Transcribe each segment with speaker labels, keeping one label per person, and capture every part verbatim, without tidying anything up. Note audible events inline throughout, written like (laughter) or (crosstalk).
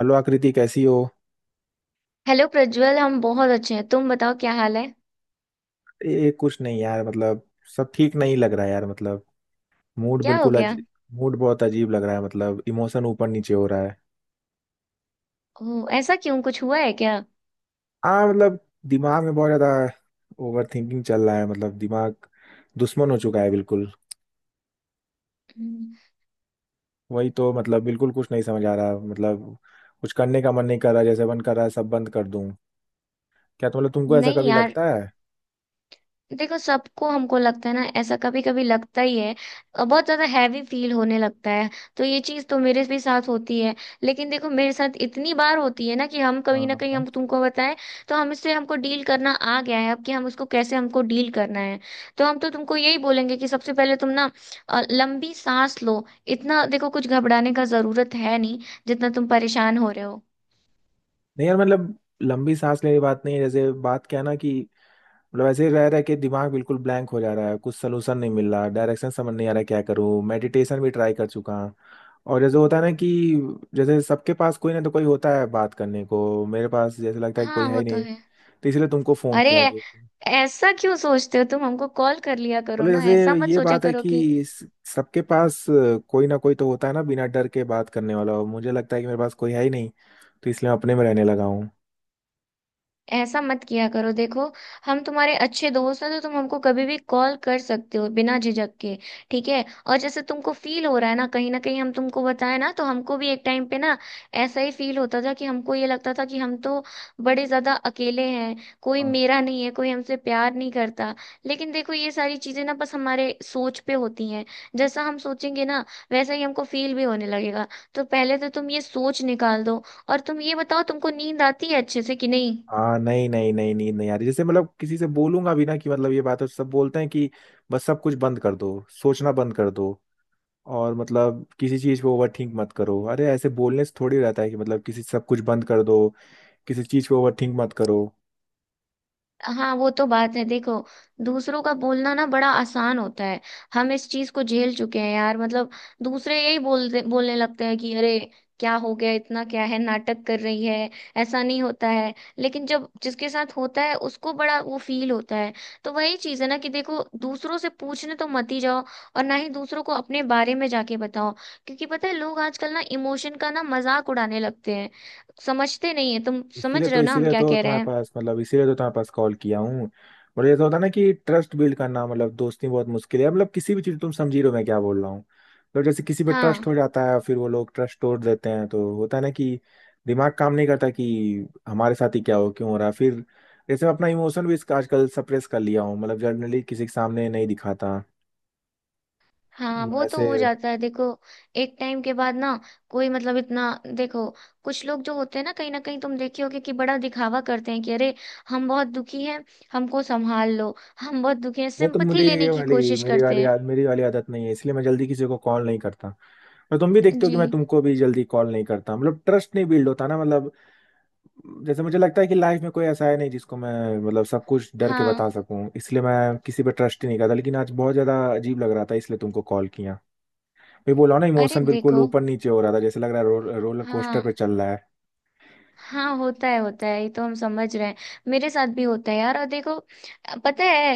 Speaker 1: Hello Aakriti कैसी हो?
Speaker 2: Hello Prajwal. हम बहुत अच्छे हैं, तुम बताओ क्या हाल है?
Speaker 1: ये कुछ नहीं यार, मतलब सब ठीक नहीं लग रहा है यार, मतलब मूड
Speaker 2: क्या हो
Speaker 1: बिल्कुल
Speaker 2: गया?
Speaker 1: अजीब। मूड बहुत अजीब लग रहा है, मतलब इमोशन ऊपर नीचे हो रहा है।
Speaker 2: ओ ऐसा क्यों, कुछ हुआ है क्या?
Speaker 1: हाँ मतलब, दिमाग में बहुत ज्यादा ओवर थिंकिंग चल रहा है, मतलब दिमाग दुश्मन हो चुका है बिल्कुल।
Speaker 2: हम्म।
Speaker 1: वही तो, मतलब बिल्कुल कुछ नहीं समझ आ रहा, मतलब कुछ करने का मन नहीं कर रहा, जैसे मन कर रहा है सब बंद कर दूं। क्या तो, मतलब तुमको ऐसा
Speaker 2: नहीं
Speaker 1: कभी
Speaker 2: यार,
Speaker 1: लगता है?
Speaker 2: देखो सबको हमको लगता है ना, ऐसा कभी कभी लगता ही है। अ, बहुत ज्यादा हैवी फील होने लगता है। तो ये चीज तो मेरे भी साथ होती है। लेकिन देखो मेरे साथ इतनी बार होती है ना कि हम कहीं
Speaker 1: हाँ
Speaker 2: ना कहीं हम
Speaker 1: हाँ।
Speaker 2: तुमको बताएं। तो हम इससे हमको डील करना आ गया है अब, कि हम उसको कैसे हमको डील करना है। तो हम तो तुमको यही बोलेंगे कि सबसे पहले तुम ना अ, लंबी सांस लो। इतना देखो, कुछ घबराने का जरूरत है नहीं जितना तुम परेशान हो रहे हो।
Speaker 1: नहीं यार, मतलब लंबी सांस लेने की बात नहीं है, जैसे बात क्या है ना कि मतलब ऐसे ही रह रह के दिमाग बिल्कुल ब्लैंक हो जा रहा है, कुछ सलूशन नहीं मिल रहा, डायरेक्शन समझ नहीं आ रहा, क्या करूँ? मेडिटेशन भी ट्राई कर चुका हूँ। और जैसे होता है ना कि जैसे सबके पास कोई ना तो कोई होता है बात करने को, मेरे पास जैसे लगता है कि कोई
Speaker 2: हाँ
Speaker 1: है
Speaker 2: वो
Speaker 1: ही
Speaker 2: तो
Speaker 1: नहीं।
Speaker 2: है।
Speaker 1: तो इसलिए तुमको फोन
Speaker 2: अरे
Speaker 1: किया
Speaker 2: ऐ-
Speaker 1: कि
Speaker 2: ऐसा क्यों सोचते हो? तुम हमको कॉल कर लिया करो
Speaker 1: बोले
Speaker 2: ना,
Speaker 1: जैसे
Speaker 2: ऐसा मत
Speaker 1: ये
Speaker 2: सोचा
Speaker 1: बात है
Speaker 2: करो
Speaker 1: कि
Speaker 2: कि।
Speaker 1: स- सबके पास कोई ना कोई तो होता है ना बिना डर के बात करने वाला, और मुझे लगता है कि मेरे पास कोई है ही नहीं। तो इसलिए मैं अपने में रहने लगा हूँ।
Speaker 2: ऐसा मत किया करो देखो। हम तुम्हारे अच्छे दोस्त हैं, तो तुम हमको कभी भी कॉल कर सकते हो बिना झिझक के। ठीक है, और जैसे तुमको फील हो रहा है ना, कहीं ना कहीं हम तुमको बताए ना, तो हमको भी एक टाइम पे ना ऐसा ही फील होता था, कि हमको ये लगता था कि हम तो बड़े ज्यादा अकेले हैं। कोई मेरा नहीं है, कोई हमसे प्यार नहीं करता। लेकिन देखो ये सारी चीजें ना बस हमारे सोच पे होती हैं। जैसा हम सोचेंगे ना, वैसा ही हमको फील भी होने लगेगा। तो पहले तो तुम ये सोच निकाल दो। और तुम ये बताओ, तुमको नींद आती है अच्छे से कि नहीं?
Speaker 1: हाँ नहीं नहीं नहीं नींद नहीं आ रही, जैसे मतलब किसी से बोलूंगा भी ना कि मतलब ये बात है, सब बोलते हैं कि बस सब कुछ बंद कर दो, सोचना बंद कर दो, और मतलब किसी चीज पे ओवर थिंक मत करो। अरे ऐसे बोलने से थोड़ी रहता है कि मतलब किसी सब कुछ बंद कर दो, किसी चीज पे ओवर थिंक मत करो।
Speaker 2: हाँ वो तो बात है देखो। दूसरों का बोलना ना बड़ा आसान होता है। हम इस चीज को झेल चुके हैं यार, मतलब दूसरे यही बोलते बोलने लगते हैं कि अरे क्या हो गया, इतना क्या है, नाटक कर रही है। ऐसा नहीं होता है। लेकिन जब जिसके साथ होता है उसको बड़ा वो फील होता है। तो वही चीज है ना कि देखो, दूसरों से पूछने तो मत ही जाओ। और ना ही दूसरों को अपने बारे में जाके बताओ। क्योंकि पता है लोग आजकल ना इमोशन का ना मजाक उड़ाने लगते हैं। समझते नहीं है। तुम समझ
Speaker 1: इसीलिए
Speaker 2: रहे हो
Speaker 1: तो
Speaker 2: ना हम
Speaker 1: इसीलिए
Speaker 2: क्या
Speaker 1: तो
Speaker 2: कह रहे
Speaker 1: तुम्हारे
Speaker 2: हैं?
Speaker 1: पास, मतलब इसीलिए तो तुम्हारे पास कॉल किया हूँ। और ये तो होता है ना कि ट्रस्ट बिल्ड करना मतलब दोस्ती में बहुत मुश्किल है, मतलब किसी भी चीज, तुम समझी रहे हो मैं क्या बोल रहा हूँ? तो जैसे किसी पे ट्रस्ट
Speaker 2: हाँ
Speaker 1: हो जाता है, फिर वो लोग ट्रस्ट तोड़ देते हैं, तो होता है ना कि दिमाग काम नहीं करता कि हमारे साथ ही क्या हो, क्यों हो रहा है फिर। जैसे मैं अपना इमोशन भी इसका आजकल सप्रेस कर लिया हूँ, मतलब जनरली किसी के सामने नहीं दिखाता,
Speaker 2: हाँ।
Speaker 1: मतलब
Speaker 2: वो तो हो
Speaker 1: ऐसे।
Speaker 2: जाता है देखो, एक टाइम के बाद ना कोई मतलब इतना। देखो, कुछ लोग जो होते हैं ना, कहीं ना कहीं तुम देखे होगे, कि बड़ा दिखावा करते हैं कि अरे हम बहुत दुखी हैं, हमको संभाल लो, हम बहुत दुखी हैं,
Speaker 1: नहीं तो
Speaker 2: सिंपथी
Speaker 1: मुझे
Speaker 2: लेने
Speaker 1: ये
Speaker 2: की
Speaker 1: वाली,
Speaker 2: कोशिश
Speaker 1: मेरी
Speaker 2: करते
Speaker 1: वाली
Speaker 2: हैं।
Speaker 1: आद- मेरी वाली आदत नहीं है, इसलिए मैं जल्दी किसी को कॉल नहीं करता। और तुम भी देखते हो
Speaker 2: जी।
Speaker 1: कि मैं तुमको भी जल्दी कॉल नहीं करता, मतलब ट्रस्ट नहीं बिल्ड होता ना मतलब। जैसे मुझे लगता है कि लाइफ में कोई ऐसा है नहीं जिसको मैं, मतलब सब कुछ डर के
Speaker 2: हाँ।
Speaker 1: बता सकूं, इसलिए मैं किसी पे ट्रस्ट ही नहीं करता। लेकिन आज बहुत ज्यादा अजीब लग रहा था, इसलिए तुमको कॉल किया। मैं बोला ना
Speaker 2: अरे
Speaker 1: इमोशन बिल्कुल
Speaker 2: देखो,
Speaker 1: ऊपर नीचे हो रहा था, जैसे लग रहा है रो, रोलर कोस्टर
Speaker 2: हाँ
Speaker 1: पे चल रहा है।
Speaker 2: हाँ, होता है होता है, ये तो हम समझ रहे हैं। मेरे साथ भी होता है यार। और देखो, पता है,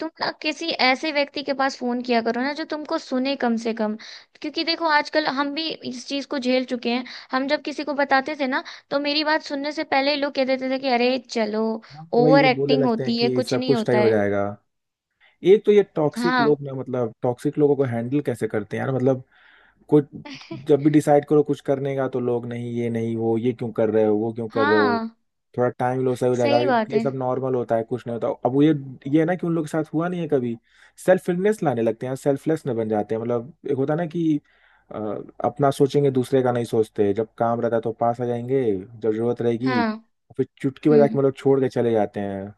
Speaker 2: तुम ना किसी ऐसे व्यक्ति के पास फोन किया करो ना जो तुमको सुने कम से कम। क्योंकि देखो आजकल हम भी इस चीज को झेल चुके हैं। हम जब किसी को बताते थे ना, तो मेरी बात सुनने से पहले ही लोग कह देते थे कि अरे चलो
Speaker 1: हाँ, तो वही
Speaker 2: ओवर
Speaker 1: तो बोलने
Speaker 2: एक्टिंग
Speaker 1: लगते हैं
Speaker 2: होती है,
Speaker 1: कि
Speaker 2: कुछ
Speaker 1: सब
Speaker 2: नहीं
Speaker 1: कुछ तय
Speaker 2: होता
Speaker 1: हो
Speaker 2: है।
Speaker 1: जाएगा। एक तो ये टॉक्सिक
Speaker 2: हाँ
Speaker 1: लोग ना, मतलब टॉक्सिक लोगों को हैंडल कैसे करते हैं यार मतलब? कुछ, जब भी डिसाइड करो कुछ करने का तो लोग, नहीं ये नहीं वो, ये क्यों कर रहे हो वो क्यों कर रहे हो,
Speaker 2: हाँ
Speaker 1: थोड़ा टाइम लो सही हो जाएगा,
Speaker 2: सही बात
Speaker 1: ये
Speaker 2: है।
Speaker 1: सब नॉर्मल होता है, कुछ नहीं होता, अब वो ये ये है ना कि उन लोग के साथ हुआ नहीं है कभी। सेल्फलेस लाने लगते हैं, सेल्फलेस में बन जाते हैं, मतलब एक होता है ना कि अ, अपना सोचेंगे, दूसरे का नहीं सोचते, जब काम रहता है तो पास आ जाएंगे, जब जरूरत रहेगी
Speaker 2: हाँ।
Speaker 1: फिर चुटकी बजा के
Speaker 2: हम्म।
Speaker 1: मतलब छोड़ के चले जाते हैं,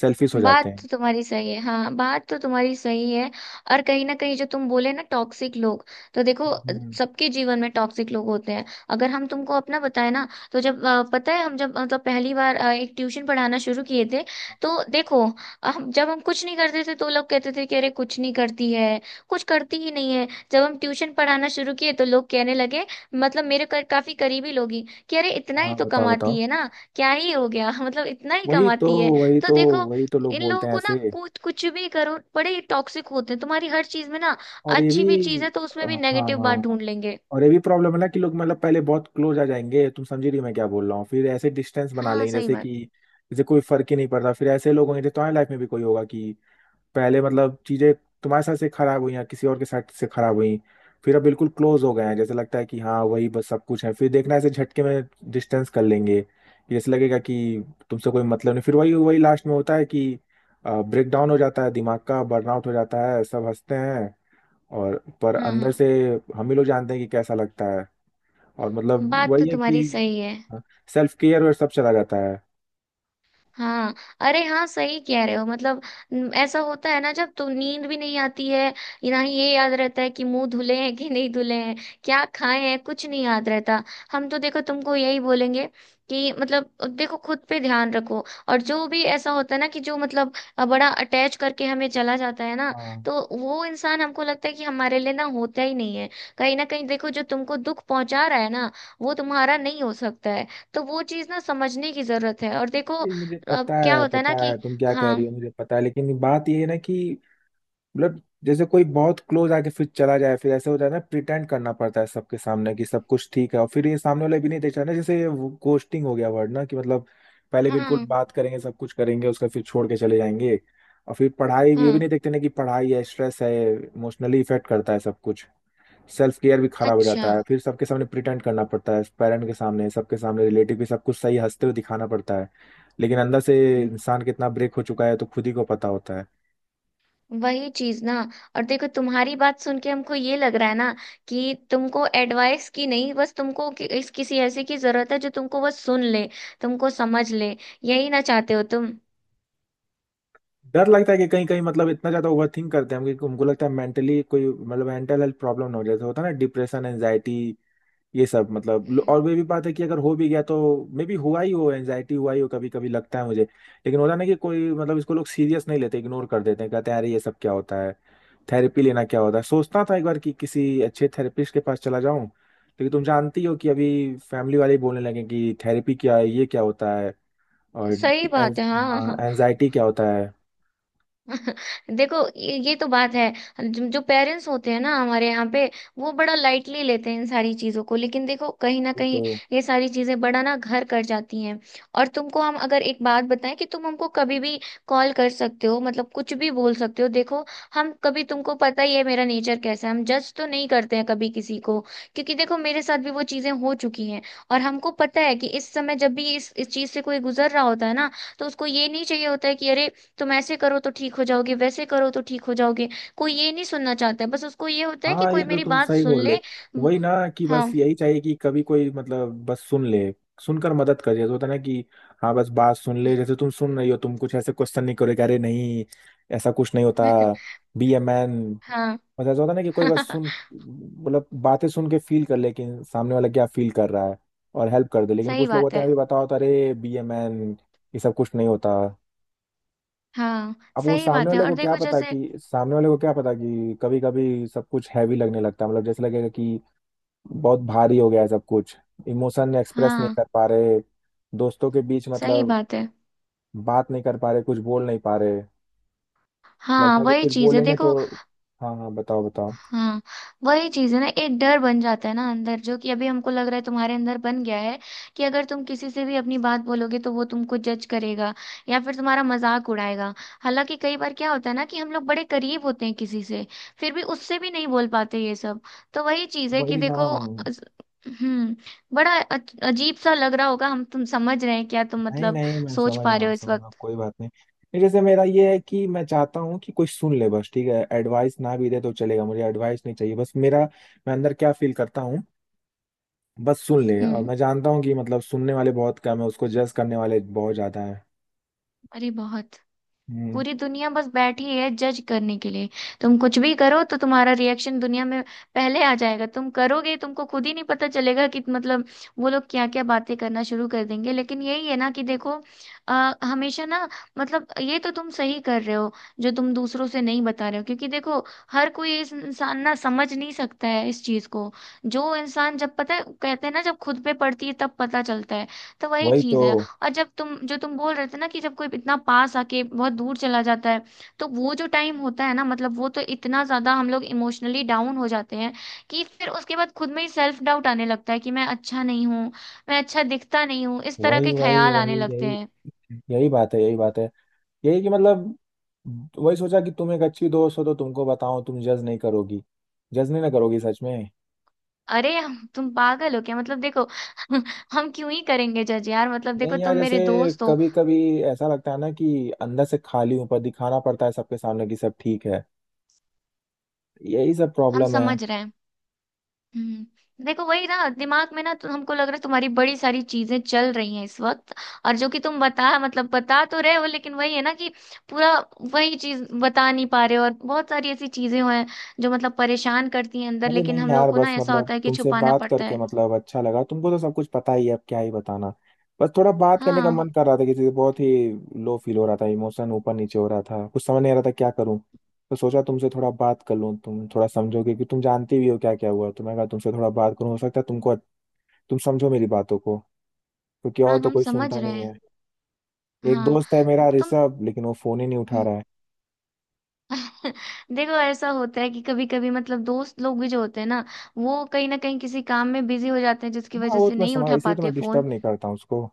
Speaker 1: सेल्फिश हो जाते
Speaker 2: बात
Speaker 1: हैं।
Speaker 2: तो तुम्हारी सही है, हाँ बात तो तुम्हारी सही है। और कहीं ना कहीं जो तुम बोले ना टॉक्सिक लोग, तो देखो
Speaker 1: हम्म।
Speaker 2: सबके जीवन में टॉक्सिक लोग होते हैं। अगर हम तुमको अपना बताए ना, तो जब अ, पता है हम जब मतलब पहली बार अ, एक ट्यूशन पढ़ाना शुरू किए थे, तो देखो, हम जब हम कुछ नहीं करते थे तो लोग कहते थे कि अरे कुछ नहीं करती है, कुछ करती ही नहीं है। जब हम ट्यूशन पढ़ाना शुरू किए तो लोग कहने लगे, मतलब मेरे कर, काफी करीबी लोग ही, कि अरे इतना ही
Speaker 1: हाँ
Speaker 2: तो
Speaker 1: बताओ, बताओ।
Speaker 2: कमाती है ना, क्या ही हो गया। (laughs) मतलब इतना ही
Speaker 1: वही तो,
Speaker 2: कमाती है।
Speaker 1: वही
Speaker 2: तो
Speaker 1: तो,
Speaker 2: देखो
Speaker 1: वही तो लोग
Speaker 2: इन लोगों
Speaker 1: बोलते हैं
Speaker 2: को ना
Speaker 1: ऐसे।
Speaker 2: कुछ, कुछ भी करो बड़े ही टॉक्सिक होते हैं। तुम्हारी हर चीज में ना,
Speaker 1: और ये
Speaker 2: अच्छी भी
Speaker 1: भी,
Speaker 2: चीज है तो
Speaker 1: अ,
Speaker 2: उसमें भी
Speaker 1: हाँ
Speaker 2: नेगेटिव बात
Speaker 1: हाँ,
Speaker 2: ढूंढ लेंगे।
Speaker 1: और ये भी प्रॉब्लम है ना कि लोग मतलब पहले बहुत क्लोज आ जाएंगे, तुम समझ रही हो मैं क्या बोल रहा हूँ? फिर ऐसे डिस्टेंस बना
Speaker 2: हाँ
Speaker 1: लेंगे,
Speaker 2: सही
Speaker 1: जैसे
Speaker 2: बात।
Speaker 1: कि जैसे कोई फर्क ही नहीं पड़ता। फिर ऐसे लोग होंगे तो तुम्हारी लाइफ में भी कोई होगा कि, पहले मतलब चीजें तुम्हारे साथ से खराब हुई या किसी और के साथ से खराब हुई, फिर अब बिल्कुल क्लोज हो गए हैं, जैसे लगता है कि हाँ वही बस सब कुछ है, फिर देखना ऐसे झटके में डिस्टेंस कर लेंगे, जैसे लगेगा कि तुमसे कोई मतलब नहीं। फिर वही वही लास्ट में होता है कि ब्रेक डाउन हो जाता है, दिमाग का बर्नआउट हो जाता है, सब हंसते हैं और पर
Speaker 2: हाँ
Speaker 1: अंदर
Speaker 2: हाँ
Speaker 1: से हम ही लोग जानते हैं कि कैसा लगता है। और मतलब
Speaker 2: बात तो
Speaker 1: वही है कि
Speaker 2: तुम्हारी सही है।
Speaker 1: सेल्फ केयर और सब चला जाता है।
Speaker 2: हाँ अरे हाँ सही कह रहे हो मतलब। न- ऐसा होता है ना, जब तो नींद भी नहीं आती है, ना ही ये याद रहता है कि मुंह धुले हैं कि नहीं धुले हैं, क्या खाए हैं, कुछ नहीं याद रहता। हम तो देखो तुमको यही बोलेंगे कि मतलब देखो खुद पे ध्यान रखो। और जो भी ऐसा होता है ना कि जो मतलब बड़ा अटैच करके हमें चला जाता है ना,
Speaker 1: हाँ।
Speaker 2: तो वो इंसान हमको लगता है कि हमारे लिए ना होता ही नहीं है। कहीं ना कहीं देखो जो तुमको दुख पहुंचा रहा है ना, वो तुम्हारा नहीं हो सकता है। तो वो चीज ना समझने की जरूरत है। और देखो
Speaker 1: नहीं, मुझे
Speaker 2: तो अब
Speaker 1: पता
Speaker 2: क्या
Speaker 1: है
Speaker 2: होता है ना
Speaker 1: पता
Speaker 2: कि,
Speaker 1: है तुम क्या कह
Speaker 2: हाँ।
Speaker 1: रही हो, मुझे पता है, लेकिन बात ये है ना कि मतलब जैसे कोई बहुत क्लोज आके फिर चला जाए, फिर ऐसे हो जाए ना, प्रिटेंड करना पड़ता है सबके सामने कि सब कुछ ठीक है, और फिर ये सामने वाला भी नहीं देख रहा ना, जैसे गोस्टिंग हो गया वर्ड ना कि मतलब पहले बिल्कुल
Speaker 2: हाँ।
Speaker 1: बात करेंगे सब कुछ करेंगे, उसका फिर छोड़ के चले जाएंगे। और फिर पढ़ाई, ये भी
Speaker 2: हाँ।
Speaker 1: नहीं देखते ना कि पढ़ाई है, स्ट्रेस है, इमोशनली इफेक्ट करता है सब कुछ, सेल्फ केयर भी खराब हो
Speaker 2: अच्छा।
Speaker 1: जाता है। फिर सबके सामने प्रिटेंड करना पड़ता है, पेरेंट के सामने, सबके सामने, रिलेटिव भी, सब कुछ सही हंसते हुए दिखाना पड़ता है, लेकिन अंदर से इंसान कितना ब्रेक हो चुका है, तो खुद ही को पता होता है।
Speaker 2: वही चीज ना, और देखो तुम्हारी बात सुन के हमको ये लग रहा है ना कि तुमको एडवाइस की नहीं, बस तुमको कि, इस किसी ऐसे की जरूरत है जो तुमको बस सुन ले, तुमको समझ ले। यही ना चाहते हो तुम?
Speaker 1: डर लगता है कि कहीं कहीं मतलब इतना ज्यादा ओवरथिंक करते हैं हम कि उनको लगता है मेंटली कोई, मतलब मेंटल हेल्थ प्रॉब्लम ना हो, जैसे होता है ना डिप्रेशन, एंजाइटी, ये सब, मतलब लो- और वे भी बात है कि अगर हो भी गया तो, मे बी हुआ ही हो, एंजाइटी हुआ ही हो, कभी कभी लगता है मुझे। लेकिन होता ना कि कोई मतलब इसको लोग सीरियस नहीं लेते, इग्नोर कर देते हैं, कहते हैं अरे ये सब क्या होता है, थेरेपी लेना क्या होता है। सोचता था एक बार कि किसी अच्छे थेरेपिस्ट के पास चला जाऊं, लेकिन तुम जानती हो कि अभी फैमिली वाले ही बोलने लगे कि थेरेपी क्या है, ये क्या होता है, और
Speaker 2: सही बात है। हाँ हाँ।
Speaker 1: एंजाइटी क्या होता है।
Speaker 2: देखो ये ये तो बात है। जो, जो पेरेंट्स होते हैं ना हमारे यहाँ पे, वो बड़ा लाइटली लेते हैं इन सारी चीजों को। लेकिन देखो कहीं ना
Speaker 1: ये
Speaker 2: कहीं
Speaker 1: तो,
Speaker 2: ये सारी चीजें बड़ा ना घर कर जाती हैं। और तुमको हम अगर एक बात बताएं, कि तुम हमको कभी भी कॉल कर सकते हो, मतलब कुछ भी बोल सकते हो देखो। हम कभी तुमको पता ही है मेरा नेचर कैसा है, हम जज तो नहीं करते हैं कभी किसी को। क्योंकि देखो मेरे साथ भी वो चीजें हो चुकी हैं। और हमको पता है कि इस समय जब भी इस इस चीज से कोई गुजर रहा होता है ना, तो उसको ये नहीं चाहिए होता है कि अरे तुम ऐसे करो तो ठीक हो जाओगे, वैसे करो तो ठीक हो जाओगे। कोई ये नहीं सुनना चाहता है, बस उसको ये होता है कि
Speaker 1: हाँ ये
Speaker 2: कोई
Speaker 1: तो
Speaker 2: मेरी
Speaker 1: तुम
Speaker 2: बात
Speaker 1: सही
Speaker 2: सुन
Speaker 1: बोल
Speaker 2: ले।
Speaker 1: रहे हो,
Speaker 2: हम्म।
Speaker 1: वही ना कि
Speaker 2: हाँ।
Speaker 1: बस यही चाहिए कि कभी कोई मतलब बस सुन ले, सुनकर मदद कर, जैसे होता है ना कि हाँ बस बात सुन ले। जैसे तुम सुन रही हो, तुम कुछ ऐसे क्वेश्चन नहीं करोगे, अरे नहीं, ऐसा कुछ नहीं होता,
Speaker 2: (laughs)
Speaker 1: बी ए मैन।
Speaker 2: हाँ।
Speaker 1: मतलब ऐसा होता है ना कि कोई बस सुन,
Speaker 2: (laughs)
Speaker 1: मतलब बातें सुन के फील कर ले कि सामने वाला क्या फील कर रहा है, और हेल्प कर दे। लेकिन
Speaker 2: सही
Speaker 1: कुछ लोग
Speaker 2: बात
Speaker 1: होते
Speaker 2: है।
Speaker 1: हैं, अभी बताओ तो अरे बी ए मैन, ये सब कुछ नहीं होता।
Speaker 2: हाँ
Speaker 1: अब वो
Speaker 2: सही
Speaker 1: सामने
Speaker 2: बात है,
Speaker 1: वाले
Speaker 2: और
Speaker 1: को क्या
Speaker 2: देखो
Speaker 1: पता
Speaker 2: जैसे,
Speaker 1: कि, सामने वाले को क्या पता कि कभी कभी सब कुछ हैवी लगने लगता है, मतलब जैसे लगेगा कि बहुत भारी हो गया है सब कुछ, इमोशन एक्सप्रेस नहीं
Speaker 2: हाँ
Speaker 1: कर पा रहे दोस्तों के बीच
Speaker 2: सही
Speaker 1: मतलब,
Speaker 2: बात है।
Speaker 1: बात नहीं कर पा रहे, कुछ बोल नहीं पा रहे,
Speaker 2: हाँ
Speaker 1: लगता है कि
Speaker 2: वही
Speaker 1: कुछ
Speaker 2: चीज है
Speaker 1: बोलेंगे तो।
Speaker 2: देखो।
Speaker 1: हाँ हाँ बताओ, बताओ।
Speaker 2: हाँ वही चीज है ना, एक डर बन जाता है ना अंदर, जो कि अभी हमको लग रहा है तुम्हारे अंदर बन गया है, कि अगर तुम किसी से भी अपनी बात बोलोगे तो वो तुमको जज करेगा, या फिर तुम्हारा मजाक उड़ाएगा। हालांकि कई बार क्या होता है ना कि हम लोग बड़े करीब होते हैं किसी से, फिर भी उससे भी नहीं बोल पाते ये सब। तो वही चीज है कि
Speaker 1: वही ना।
Speaker 2: देखो अस- हम्म। बड़ा अच- अजीब सा लग रहा होगा। हम तुम समझ रहे हैं क्या तुम
Speaker 1: नहीं
Speaker 2: मतलब
Speaker 1: नहीं मैं
Speaker 2: सोच
Speaker 1: समझ
Speaker 2: पा
Speaker 1: रहा
Speaker 2: रहे हो
Speaker 1: हूँ,
Speaker 2: इस
Speaker 1: समझ रहा हूँ,
Speaker 2: वक्त?
Speaker 1: कोई बात नहीं। नहीं, जैसे मेरा ये है कि मैं चाहता हूँ कि कोई सुन ले बस, ठीक है एडवाइस ना भी दे तो चलेगा, मुझे एडवाइस नहीं चाहिए, बस मेरा मैं अंदर क्या फील करता हूँ बस सुन ले। और
Speaker 2: हम्म।
Speaker 1: मैं जानता हूँ कि मतलब सुनने वाले बहुत कम है, उसको जज करने वाले बहुत ज्यादा है।
Speaker 2: अरे बहुत।
Speaker 1: हम्म।
Speaker 2: पूरी दुनिया बस बैठी है जज करने के लिए। तुम कुछ भी करो तो तुम्हारा रिएक्शन दुनिया में पहले आ जाएगा, तुम करोगे तुमको खुद ही नहीं पता चलेगा कि मतलब वो लोग क्या क्या बातें करना शुरू कर देंगे। लेकिन यही है ना कि देखो आ, हमेशा ना, मतलब ये तो तुम सही कर रहे हो जो तुम दूसरों से नहीं बता रहे हो। क्योंकि देखो हर कोई इस इंसान ना समझ नहीं सकता है इस चीज को। जो इंसान जब पता है, कहते हैं ना, जब खुद पे पड़ती है तब पता चलता है। तो वही
Speaker 1: वही तो।
Speaker 2: चीज है। और जब तुम जो तुम बोल रहे थे ना कि जब कोई इतना पास आके बहुत दूर चला जाता है, तो वो जो टाइम होता है ना, मतलब वो तो इतना ज्यादा हम लोग इमोशनली डाउन हो जाते हैं कि फिर उसके बाद खुद में ही सेल्फ डाउट आने लगता है, कि मैं अच्छा नहीं हूँ, मैं अच्छा दिखता नहीं हूँ, इस तरह
Speaker 1: वही
Speaker 2: के
Speaker 1: वही
Speaker 2: ख्याल
Speaker 1: वही
Speaker 2: आने लगते
Speaker 1: यही,
Speaker 2: हैं।
Speaker 1: यही बात है, यही बात है, यही कि मतलब वही सोचा कि तुम एक अच्छी दोस्त हो तो तुमको बताओ, तुम जज नहीं करोगी, जज नहीं ना करोगी सच में?
Speaker 2: अरे हम- तुम पागल हो क्या? मतलब देखो (laughs) हम क्यों ही करेंगे जज यार, मतलब देखो
Speaker 1: नहीं
Speaker 2: तुम
Speaker 1: यार, जैसे
Speaker 2: मेरे दोस्त हो।
Speaker 1: कभी कभी ऐसा लगता है ना कि अंदर से खाली हूं, पर दिखाना पड़ता है सबके सामने कि सब ठीक है, यही सब
Speaker 2: हम
Speaker 1: प्रॉब्लम है।
Speaker 2: समझ रहे हैं। हम्म। देखो वही ना, दिमाग में ना तो हमको लग रहा है तुम्हारी बड़ी सारी चीजें चल रही हैं इस वक्त। और जो कि तुम बता मतलब बता तो रहे हो, लेकिन वही है ना कि पूरा वही चीज बता नहीं पा रहे हो। और बहुत सारी ऐसी चीजें हैं जो मतलब परेशान करती हैं अंदर,
Speaker 1: अरे
Speaker 2: लेकिन
Speaker 1: नहीं
Speaker 2: हम लोग
Speaker 1: यार,
Speaker 2: को ना
Speaker 1: बस
Speaker 2: ऐसा
Speaker 1: मतलब
Speaker 2: होता है कि
Speaker 1: तुमसे
Speaker 2: छुपाना
Speaker 1: बात
Speaker 2: पड़ता
Speaker 1: करके
Speaker 2: है।
Speaker 1: मतलब अच्छा लगा, तुमको तो सब कुछ पता ही है, अब क्या ही बताना। बस थोड़ा बात करने का
Speaker 2: हाँ
Speaker 1: मन कर रहा था किसी से, बहुत ही लो फील हो रहा था, इमोशन ऊपर नीचे हो रहा था, कुछ समझ नहीं आ रहा था क्या करूं। तो सोचा तुमसे थोड़ा बात कर लूं, तुम थोड़ा समझोगे कि, तुम जानती भी हो क्या क्या हुआ, तो मैं कहा तुमसे थोड़ा बात करूं, हो सकता है तुमको, तुम समझो मेरी बातों को, क्योंकि
Speaker 2: हाँ
Speaker 1: और तो
Speaker 2: हम
Speaker 1: कोई
Speaker 2: समझ
Speaker 1: सुनता
Speaker 2: रहे
Speaker 1: नहीं
Speaker 2: हैं।
Speaker 1: है। एक
Speaker 2: हाँ।
Speaker 1: दोस्त है मेरा
Speaker 2: तुम।
Speaker 1: ऋषभ, लेकिन वो फोन ही नहीं उठा
Speaker 2: हम्म।
Speaker 1: रहा है।
Speaker 2: (laughs) देखो ऐसा होता है कि कभी कभी मतलब दोस्त लोग भी जो होते हैं ना, वो कहीं ना कहीं किसी काम में बिजी हो जाते हैं जिसकी
Speaker 1: हाँ
Speaker 2: वजह
Speaker 1: वो
Speaker 2: से
Speaker 1: तो मैं
Speaker 2: नहीं
Speaker 1: समझ,
Speaker 2: उठा
Speaker 1: इसलिए तो
Speaker 2: पाते
Speaker 1: मैं
Speaker 2: फोन।
Speaker 1: डिस्टर्ब नहीं करता हूँ उसको।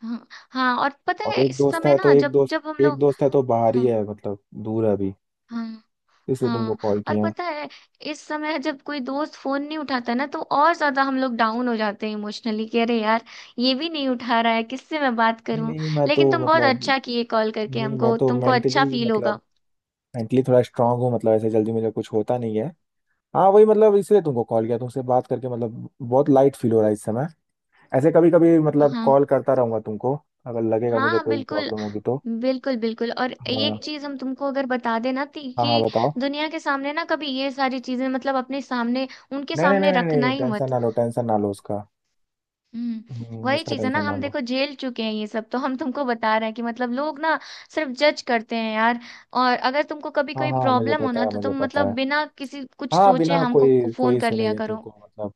Speaker 2: हाँ हाँ, और पता
Speaker 1: और
Speaker 2: है
Speaker 1: एक
Speaker 2: इस
Speaker 1: दोस्त
Speaker 2: समय
Speaker 1: है तो,
Speaker 2: ना
Speaker 1: एक
Speaker 2: जब
Speaker 1: दोस्त
Speaker 2: जब हम
Speaker 1: एक
Speaker 2: लोग,
Speaker 1: दोस्त है तो बाहर ही
Speaker 2: हाँ,
Speaker 1: है, मतलब दूर है अभी,
Speaker 2: हाँ
Speaker 1: इसलिए तुमको
Speaker 2: हाँ,
Speaker 1: कॉल
Speaker 2: और
Speaker 1: किया।
Speaker 2: पता है इस समय जब कोई दोस्त फोन नहीं उठाता ना, तो और ज्यादा हम लोग डाउन हो जाते हैं इमोशनली, कि अरे यार ये भी नहीं उठा रहा है, किससे मैं बात
Speaker 1: नहीं
Speaker 2: करूं।
Speaker 1: नहीं मैं तो
Speaker 2: लेकिन तुम बहुत
Speaker 1: मतलब,
Speaker 2: अच्छा किए कॉल
Speaker 1: नहीं
Speaker 2: करके,
Speaker 1: नहीं मैं
Speaker 2: हमको
Speaker 1: तो
Speaker 2: तुमको अच्छा
Speaker 1: मेंटली
Speaker 2: फील
Speaker 1: मतलब,
Speaker 2: होगा।
Speaker 1: मेंटली थोड़ा स्ट्रांग हूँ, मतलब ऐसे जल्दी मुझे कुछ होता नहीं है। हाँ वही मतलब इसलिए तुमको कॉल किया, तुमसे बात करके मतलब बहुत लाइट फील हो रहा है इस समय। ऐसे कभी कभी मतलब
Speaker 2: हाँ
Speaker 1: कॉल करता रहूंगा तुमको, अगर लगेगा मुझे
Speaker 2: हाँ
Speaker 1: कोई
Speaker 2: बिल्कुल,
Speaker 1: प्रॉब्लम होगी तो।
Speaker 2: बिल्कुल बिल्कुल, और
Speaker 1: हाँ
Speaker 2: एक चीज हम तुमको अगर बता देना थी,
Speaker 1: हाँ, हाँ
Speaker 2: कि
Speaker 1: बताओ।
Speaker 2: दुनिया के सामने ना कभी ये सारी चीजें, मतलब अपने सामने उनके
Speaker 1: नहीं नहीं नहीं
Speaker 2: सामने
Speaker 1: नहीं
Speaker 2: रखना
Speaker 1: नहीं
Speaker 2: ही
Speaker 1: टेंशन
Speaker 2: मत।
Speaker 1: ना लो, टेंशन ना लो उसका।
Speaker 2: हम्म।
Speaker 1: हम्म,
Speaker 2: वही
Speaker 1: उसका
Speaker 2: चीज है ना,
Speaker 1: टेंशन ना
Speaker 2: हम
Speaker 1: लो।
Speaker 2: देखो झेल चुके हैं ये सब, तो हम तुमको बता रहे हैं कि मतलब लोग ना सिर्फ जज करते हैं यार। और अगर तुमको कभी
Speaker 1: हाँ
Speaker 2: कोई
Speaker 1: हाँ, मुझे
Speaker 2: प्रॉब्लम हो
Speaker 1: पता
Speaker 2: ना
Speaker 1: है
Speaker 2: तो
Speaker 1: मुझे
Speaker 2: तुम
Speaker 1: पता
Speaker 2: मतलब
Speaker 1: है
Speaker 2: बिना किसी कुछ
Speaker 1: हाँ
Speaker 2: सोचे
Speaker 1: बिना
Speaker 2: हमको
Speaker 1: कोई
Speaker 2: फोन
Speaker 1: कोई
Speaker 2: कर
Speaker 1: सुने,
Speaker 2: लिया
Speaker 1: ये
Speaker 2: करो।
Speaker 1: तुमको मतलब,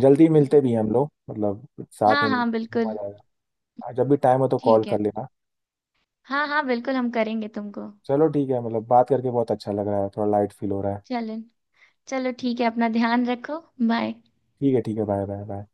Speaker 1: जल्दी मिलते
Speaker 2: हम्म।
Speaker 1: भी हैं हम लोग मतलब, साथ
Speaker 2: हाँ
Speaker 1: में
Speaker 2: हाँ
Speaker 1: घूमा
Speaker 2: बिल्कुल।
Speaker 1: जाएगा। हाँ, जब भी टाइम हो तो कॉल
Speaker 2: ठीक है।
Speaker 1: कर लेना।
Speaker 2: हाँ हाँ बिल्कुल, हम करेंगे तुमको।
Speaker 1: चलो ठीक है, मतलब बात करके बहुत अच्छा लग रहा है, थोड़ा लाइट फील हो रहा है।
Speaker 2: चलो। चलो ठीक है, अपना ध्यान रखो। बाय।
Speaker 1: ठीक है, ठीक है, बाय बाय बाय।